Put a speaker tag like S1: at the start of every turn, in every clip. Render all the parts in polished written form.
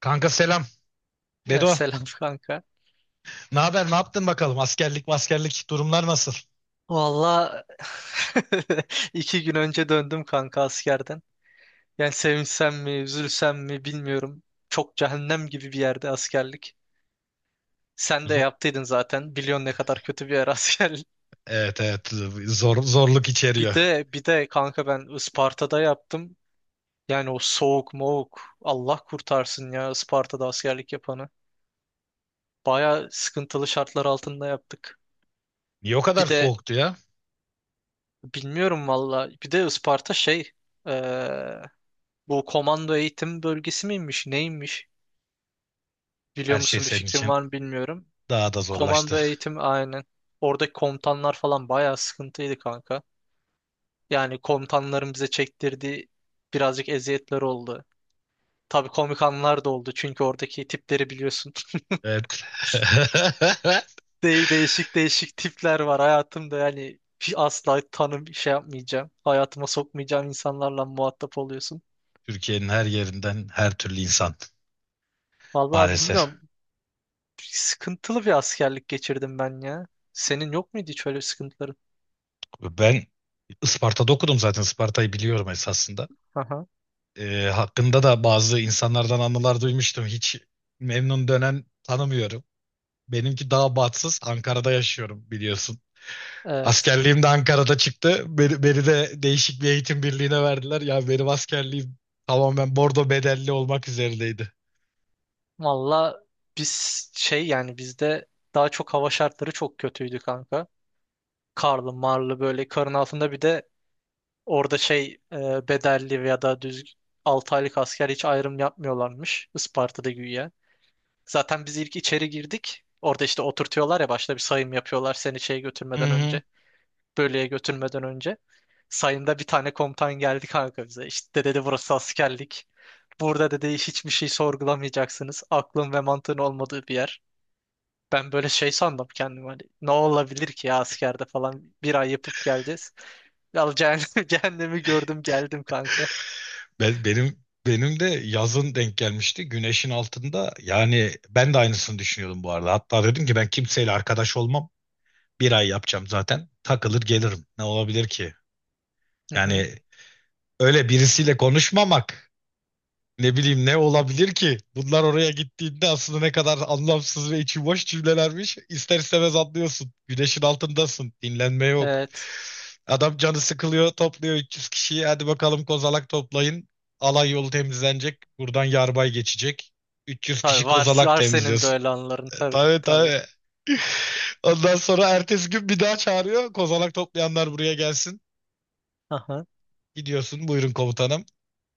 S1: Kanka selam.
S2: Ya
S1: Bedo.
S2: selam kanka.
S1: Ne haber? Ne yaptın bakalım? Askerlik durumlar nasıl?
S2: Valla 2 gün önce döndüm kanka askerden. Yani sevinsem mi, üzülsem mi bilmiyorum. Çok cehennem gibi bir yerde askerlik. Sen de
S1: Zo-
S2: yaptıydın zaten. Biliyorsun ne kadar kötü bir yer askerlik.
S1: evet, evet. Zor, zorluk
S2: Bir
S1: içeriyor.
S2: de bir de kanka ben Isparta'da yaptım. Yani o soğuk moğuk Allah kurtarsın ya Isparta'da askerlik yapanı. Baya sıkıntılı şartlar altında yaptık.
S1: Niye o kadar
S2: Bir de
S1: soğuktu ya?
S2: bilmiyorum valla. Bir de Isparta şey eee, bu komando eğitim bölgesi miymiş, neymiş? Biliyor
S1: Her şey
S2: musun, bir
S1: senin
S2: fikrin
S1: için
S2: var mı bilmiyorum.
S1: daha da zorlaştı.
S2: Komando eğitim, aynen. Oradaki komutanlar falan bayağı sıkıntıydı kanka. Yani komutanların bize çektirdiği birazcık eziyetler oldu. Tabii komik anlar da oldu, çünkü oradaki tipleri biliyorsun.
S1: Evet.
S2: De değişik değişik tipler var hayatımda, yani hiç asla tanım şey yapmayacağım. Hayatıma sokmayacağım insanlarla muhatap oluyorsun.
S1: Türkiye'nin her yerinden her türlü insan
S2: Vallahi bilmiyorum.
S1: maalesef.
S2: Sıkıntılı bir askerlik geçirdim ben ya. Senin yok muydu hiç öyle sıkıntıların?
S1: Ben Isparta'da okudum zaten. Isparta'yı biliyorum esasında.
S2: Aha.
S1: Hakkında da bazı insanlardan anılar duymuştum. Hiç memnun dönen tanımıyorum. Benimki daha batsız. Ankara'da yaşıyorum biliyorsun.
S2: Evet.
S1: Askerliğim de Ankara'da çıktı. Beni de değişik bir eğitim birliğine verdiler. Ya benim askerliğim tamamen bordo bedelli olmak üzerindeydi.
S2: Valla biz şey, yani bizde daha çok hava şartları çok kötüydü kanka. Karlı marlı, böyle karın altında. Bir de orada şey bedelli veya da düz 6 aylık asker hiç ayrım yapmıyorlarmış Isparta'da güya. Zaten biz ilk içeri girdik. Orada işte oturtuyorlar ya, başta bir sayım yapıyorlar seni şeye
S1: Hı
S2: götürmeden
S1: hı.
S2: önce. Bölüye götürmeden önce. Sayında bir tane komutan geldi kanka bize. İşte dedi, burası askerlik. Burada dedi hiçbir şey sorgulamayacaksınız. Aklın ve mantığın olmadığı bir yer. Ben böyle şey sandım kendim, hani ne olabilir ki ya askerde falan, bir ay yapıp geleceğiz. Ya cehennem, cehennemi gördüm geldim kanka.
S1: Benim de yazın denk gelmişti. Güneşin altında. Yani ben de aynısını düşünüyordum bu arada. Hatta dedim ki ben kimseyle arkadaş olmam. Bir ay yapacağım zaten. Takılır gelirim. Ne olabilir ki?
S2: Hı hı.
S1: Yani öyle birisiyle konuşmamak. Ne bileyim, ne olabilir ki? Bunlar oraya gittiğinde aslında ne kadar anlamsız ve içi boş cümlelermiş. İster istemez anlıyorsun. Güneşin altındasın. Dinlenme yok.
S2: Evet.
S1: Adam canı sıkılıyor, topluyor 300 kişiyi. Hadi bakalım kozalak toplayın. Alay yolu temizlenecek. Buradan yarbay geçecek. 300
S2: Tabii
S1: kişi
S2: var,
S1: kozalak
S2: var senin de
S1: temizliyorsun.
S2: öyle anların, tabii
S1: Tabii,
S2: tabii.
S1: tabii. Ondan sonra ertesi gün bir daha çağırıyor. Kozalak toplayanlar buraya gelsin.
S2: Aha.
S1: Gidiyorsun. Buyurun komutanım.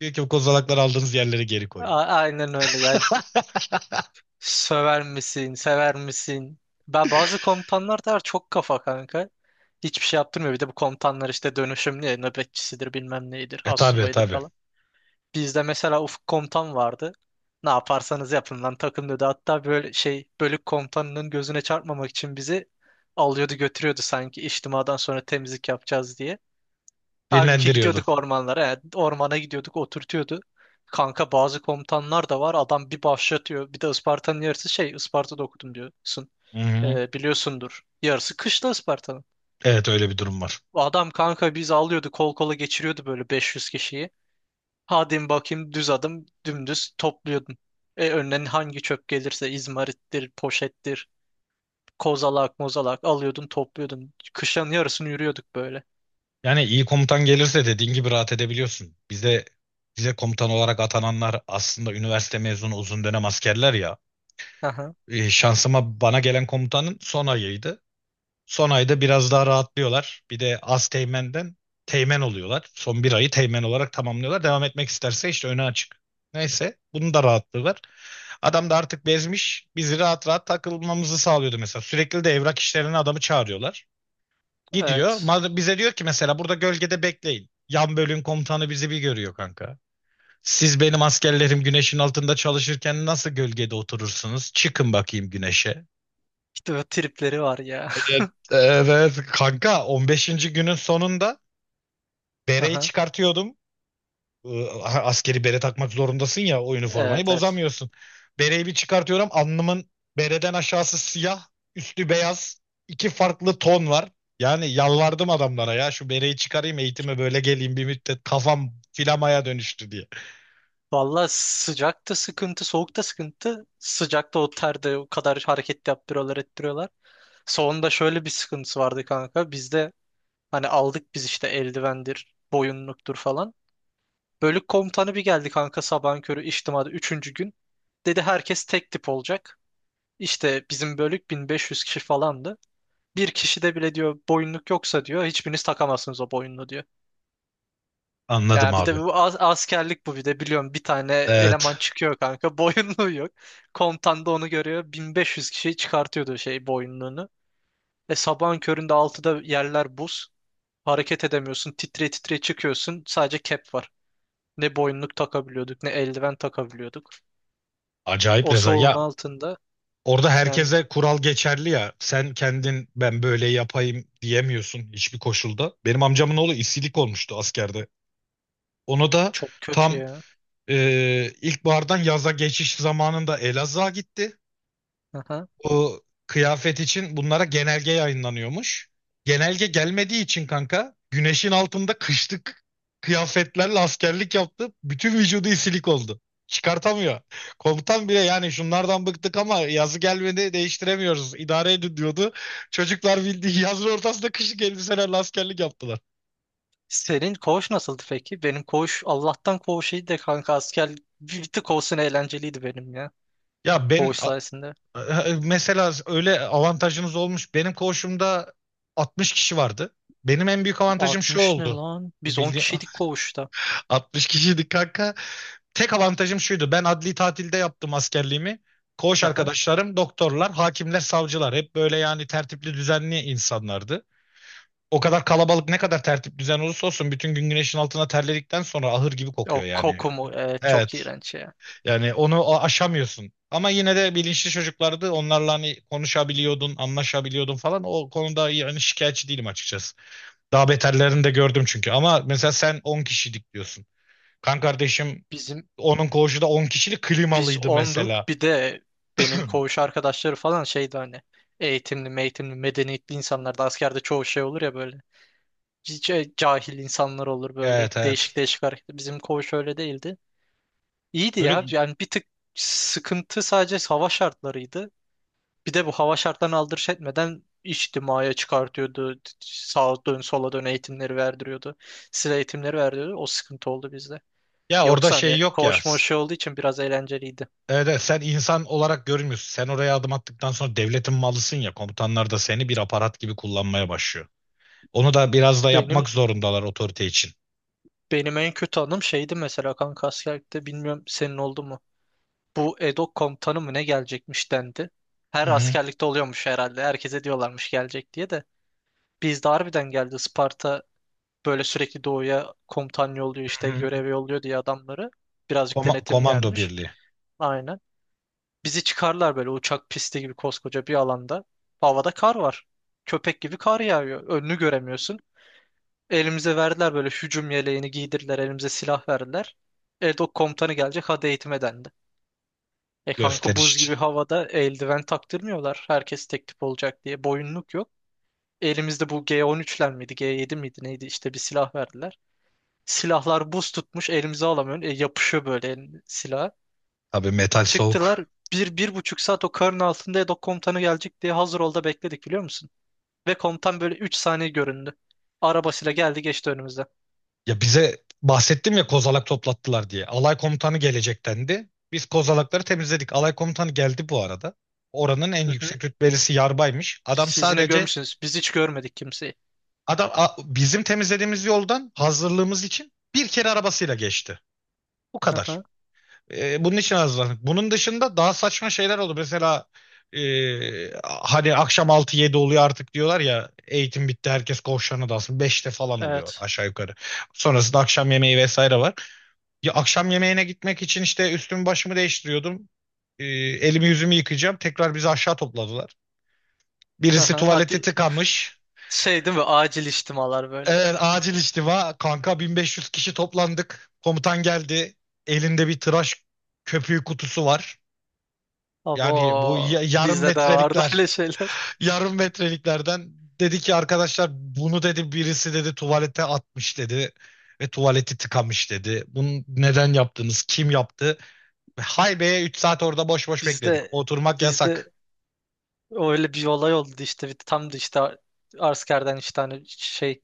S1: Diyor ki bu kozalakları aldığınız yerlere geri koyun.
S2: Aynen öyle. Yani söver misin? Sever misin? Ben, bazı komutanlar da var çok kafa kanka. Hiçbir şey yaptırmıyor. Bir de bu komutanlar işte dönüşümlü ya, nöbetçisidir bilmem neydir
S1: E, tabii
S2: astsubaydır
S1: tabii.
S2: falan. Bizde mesela Ufuk komutan vardı. Ne yaparsanız yapın lan takım dedi. Hatta böyle şey, bölük komutanının gözüne çarpmamak için bizi alıyordu götürüyordu, sanki içtimadan sonra temizlik yapacağız diye. Halbuki
S1: Dinlendiriyordu.
S2: gidiyorduk ormanlara. He. Ormana gidiyorduk, oturtuyordu. Kanka bazı komutanlar da var. Adam bir başlatıyor. Bir de Isparta'nın yarısı şey, Isparta'da okudum diyorsun.
S1: Hı hı.
S2: Biliyorsundur. Yarısı kışla Isparta'nın.
S1: Evet, öyle bir durum var.
S2: Adam kanka biz alıyordu, kol kola geçiriyordu böyle 500 kişiyi. Hadi bakayım düz adım, dümdüz topluyordun. E, önüne hangi çöp gelirse izmarittir, poşettir, kozalak, mozalak alıyordun, topluyordun. Kışın yarısını yürüyorduk böyle.
S1: Yani iyi komutan gelirse dediğin gibi rahat edebiliyorsun. Bize komutan olarak atananlar aslında üniversite mezunu uzun dönem askerler ya.
S2: Aha,
S1: Şansıma bana gelen komutanın son ayıydı. Son ayda biraz daha rahatlıyorlar. Bir de az teğmenden teğmen oluyorlar. Son bir ayı teğmen olarak tamamlıyorlar. Devam etmek isterse işte öne açık. Neyse bunun da rahatlığı var. Adam da artık bezmiş. Bizi rahat rahat takılmamızı sağlıyordu mesela. Sürekli de evrak işlerine adamı çağırıyorlar. Gidiyor.
S2: evet.
S1: Bize diyor ki mesela burada gölgede bekleyin. Yan bölüm komutanı bizi bir görüyor kanka. Siz benim askerlerim güneşin altında çalışırken nasıl gölgede oturursunuz? Çıkın bakayım güneşe.
S2: İşte bu tripleri var ya.
S1: Evet, evet kanka, 15. günün sonunda bereyi
S2: Aha.
S1: çıkartıyordum. Askeri bere takmak zorundasın ya, o üniformayı
S2: Evet evet.
S1: bozamıyorsun. Bereyi bir çıkartıyorum, alnımın bereden aşağısı siyah, üstü beyaz, iki farklı ton var. Yani yalvardım adamlara ya, şu bereyi çıkarayım eğitime böyle geleyim bir müddet, kafam filamaya dönüştü diye.
S2: Valla sıcakta sıkıntı, soğukta sıkıntı. Sıcakta o terde o kadar hareket yaptırıyorlar, ettiriyorlar. Soğunda şöyle bir sıkıntısı vardı kanka. Bizde hani aldık biz işte eldivendir, boyunluktur falan. Bölük komutanı bir geldi kanka, sabahın körü içtimada üçüncü gün. Dedi herkes tek tip olacak. İşte bizim bölük 1.500 kişi falandı. Bir kişi de bile diyor boyunluk yoksa diyor hiçbiriniz takamazsınız o boyunluğu diyor.
S1: Anladım
S2: Ya bir
S1: abi.
S2: de bu askerlik bu, bir de biliyorum bir tane eleman
S1: Evet.
S2: çıkıyor kanka boyunluğu yok. Komutan da onu görüyor, 1500 kişiyi çıkartıyordu şey, boyunluğunu. E sabahın köründe altıda yerler buz. Hareket edemiyorsun, titre titre çıkıyorsun, sadece cap var. Ne boyunluk takabiliyorduk ne eldiven takabiliyorduk.
S1: Acayip
S2: O
S1: rezil.
S2: soğuğun
S1: Ya
S2: altında,
S1: orada
S2: yani
S1: herkese kural geçerli ya. Sen kendin ben böyle yapayım diyemiyorsun hiçbir koşulda. Benim amcamın oğlu isilik olmuştu askerde. Onu da
S2: çok kötü
S1: tam
S2: ya.
S1: İlkbahardan yaza geçiş zamanında Elazığ'a gitti.
S2: Aha.
S1: O kıyafet için bunlara genelge yayınlanıyormuş. Genelge gelmediği için kanka güneşin altında kışlık kıyafetlerle askerlik yaptı. Bütün vücudu isilik oldu. Çıkartamıyor. Komutan bile yani şunlardan bıktık ama yazı gelmedi, değiştiremiyoruz. İdare edin diyordu. Çocuklar bildiği yazın ortasında kışlık elbiselerle askerlik yaptılar.
S2: Senin koğuş nasıldı peki? Benim koğuş Allah'tan koğuş iyiydi de kanka, asker bir tık olsun eğlenceliydi benim ya.
S1: Ya ben...
S2: Koğuş sayesinde.
S1: E, mesela öyle avantajınız olmuş. Benim koğuşumda 60 kişi vardı. Benim en büyük avantajım şu
S2: 60 ne
S1: oldu.
S2: lan? Biz 10
S1: Bildiğin
S2: kişiydik koğuşta.
S1: 60 kişiydik kanka. Tek avantajım şuydu. Ben adli tatilde yaptım askerliğimi. Koğuş
S2: Hı hı.
S1: arkadaşlarım doktorlar, hakimler, savcılar. Hep böyle yani tertipli, düzenli insanlardı. O kadar kalabalık, ne kadar tertip düzen olursa olsun bütün gün güneşin altına terledikten sonra ahır gibi kokuyor
S2: O
S1: yani.
S2: koku mu? Evet, çok
S1: Evet.
S2: iğrenç ya.
S1: Yani onu aşamıyorsun. Ama yine de bilinçli çocuklardı. Onlarla hani konuşabiliyordun, anlaşabiliyordun falan. O konuda yani şikayetçi değilim açıkçası. Daha beterlerini de gördüm çünkü. Ama mesela sen 10 kişilik diyorsun. Kan kardeşim,
S2: Bizim
S1: onun koğuşu da 10 kişilik
S2: biz
S1: klimalıydı mesela.
S2: 10'duk. Bir de benim koğuş arkadaşları falan şeydi, hani eğitimli, medeniyetli insanlar da askerde çoğu şey olur ya böyle. Cahil insanlar olur böyle.
S1: Evet,
S2: Değişik
S1: evet.
S2: değişik hareket. Bizim koğuş öyle değildi. İyiydi
S1: Öyle.
S2: ya. Yani bir tık sıkıntı sadece hava şartlarıydı. Bir de bu hava şartlarını aldırış etmeden içtimaya çıkartıyordu. Sağa dön sola dön eğitimleri verdiriyordu. Size eğitimleri verdiriyordu. O sıkıntı oldu bizde.
S1: Ya orada
S2: Yoksa
S1: şey
S2: hani
S1: yok ya.
S2: koğuşma şey olduğu için biraz eğlenceliydi.
S1: Evet, evet, sen insan olarak görünmüyorsun. Sen oraya adım attıktan sonra devletin malısın ya. Komutanlar da seni bir aparat gibi kullanmaya başlıyor. Onu da biraz da
S2: Benim
S1: yapmak zorundalar otorite için.
S2: benim en kötü anım şeydi mesela kanka askerlikte, bilmiyorum senin oldu mu? Bu EDOK komutanı mı ne gelecekmiş dendi.
S1: Hı
S2: Her
S1: hı.
S2: askerlikte oluyormuş herhalde. Herkese diyorlarmış gelecek diye de. Bizde harbiden geldi. Isparta böyle sürekli doğuya komutan yolluyor,
S1: Hı
S2: işte
S1: hı.
S2: görev yolluyor diye adamları. Birazcık denetimli
S1: Komando
S2: yermiş.
S1: birliği.
S2: Aynen. Bizi çıkarlar böyle uçak pisti gibi koskoca bir alanda. Havada kar var. Köpek gibi kar yağıyor. Önünü göremiyorsun. Elimize verdiler böyle, hücum yeleğini giydirdiler. Elimize silah verdiler. Edok komutanı gelecek hadi eğitime dendi. E kanka
S1: Gösteriş
S2: buz gibi
S1: için.
S2: havada eldiven taktırmıyorlar. Herkes tek tip olacak diye. Boyunluk yok. Elimizde bu G13'ler miydi? G7 miydi neydi? İşte bir silah verdiler. Silahlar buz tutmuş, elimize alamıyorsun. E, yapışıyor böyle silah.
S1: Tabii, metal
S2: Çıktılar,
S1: soğuk.
S2: bir, 1,5 saat o karın altında Edo komutanı gelecek diye hazır ol da bekledik, biliyor musun? Ve komutan böyle 3 saniye göründü. Arabasıyla geldi geçti önümüzden.
S1: Ya bize bahsettim ya kozalak toplattılar diye. Alay komutanı gelecek dendi. Biz kozalakları temizledik. Alay komutanı geldi bu arada. Oranın en
S2: Hı hı.
S1: yüksek rütbelisi yarbaymış. Adam
S2: Siz yine
S1: sadece,
S2: görmüşsünüz. Biz hiç görmedik kimseyi.
S1: bizim temizlediğimiz yoldan hazırlığımız için bir kere arabasıyla geçti. Bu kadar.
S2: Aha.
S1: Bunun için hazırlandık. Bunun dışında daha saçma şeyler oldu. Mesela, e, hani akşam altı yedi oluyor artık diyorlar ya eğitim bitti herkes koğuşlarına dalsın. 5'te falan oluyor
S2: Evet.
S1: aşağı yukarı. Sonrasında akşam yemeği vesaire var. Ya akşam yemeğine gitmek için işte üstümü başımı değiştiriyordum. Elimi yüzümü yıkayacağım. Tekrar bizi aşağı topladılar. Birisi
S2: Aha.
S1: tuvalete
S2: Hadi
S1: tıkamış.
S2: şey değil mi? Acil içtimalar böyle.
S1: Evet, acil istiva. Kanka 1500 kişi toplandık. Komutan geldi. Elinde bir tıraş köpüğü kutusu var. Yani bu
S2: Abo
S1: yarım
S2: bizde de vardı
S1: metrelikler,
S2: öyle şeyler.
S1: yarım metreliklerden, dedi ki arkadaşlar bunu dedi birisi dedi tuvalete atmış dedi ve tuvaleti tıkamış dedi. Bunu neden yaptınız? Kim yaptı? Haybe'ye 3 saat orada boş boş bekledik.
S2: Bizde
S1: Oturmak yasak.
S2: bizde öyle bir olay oldu işte. Tam da işte askerden işte hani şey,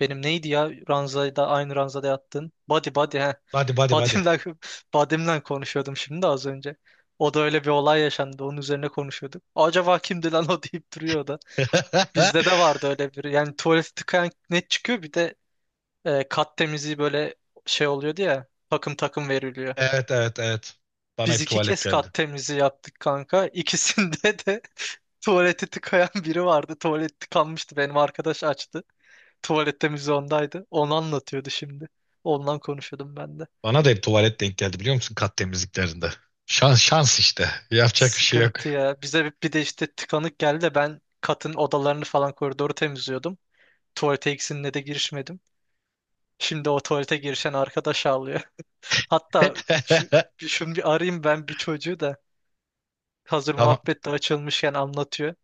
S2: benim neydi ya, ranzada aynı ranzada yattın. Body body he.
S1: Hadi, hadi, hadi.
S2: Badim'den, badim'den konuşuyordum şimdi de, az önce. O da, öyle bir olay yaşandı. Onun üzerine konuşuyorduk. Acaba kimdi lan o deyip duruyor o da. Bizde de vardı öyle biri. Yani tuvalet tıkayan net çıkıyor. Bir de e, kat temizliği böyle şey oluyordu ya. Takım takım veriliyor.
S1: Evet, evet, evet. Bana
S2: Biz
S1: hep
S2: iki
S1: tuvalet
S2: kez
S1: geldi.
S2: kat temizliği yaptık kanka. İkisinde de tuvaleti tıkayan biri vardı. Tuvalet tıkanmıştı. Benim arkadaş açtı. Tuvalette müze ondaydı. Onu anlatıyordu şimdi. Ondan konuşuyordum ben de.
S1: Bana da hep tuvalet denk geldi biliyor musun kat temizliklerinde. Şans, şans işte. Yapacak bir şey yok.
S2: Sıkıntı ya. Bize bir de işte tıkanık geldi de ben katın odalarını falan koridoru temizliyordum. Tuvalete ikisine de girişmedim. Şimdi o tuvalete girişen arkadaş ağlıyor. Hatta şu, şunu bir arayayım ben, bir çocuğu da, hazır
S1: Tamam,
S2: muhabbet de açılmışken anlatıyor.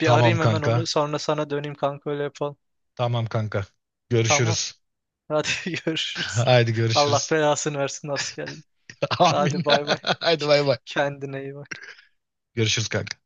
S2: Bir
S1: tamam
S2: arayayım hemen onu,
S1: kanka.
S2: sonra sana döneyim kanka, öyle yapalım.
S1: Tamam kanka.
S2: Tamam.
S1: Görüşürüz.
S2: Hadi görüşürüz.
S1: Haydi
S2: Allah
S1: görüşürüz.
S2: belasını versin askerin.
S1: Amin.
S2: Hadi bay bay.
S1: Haydi bay bay.
S2: Kendine iyi bak.
S1: Görüşürüz kanka.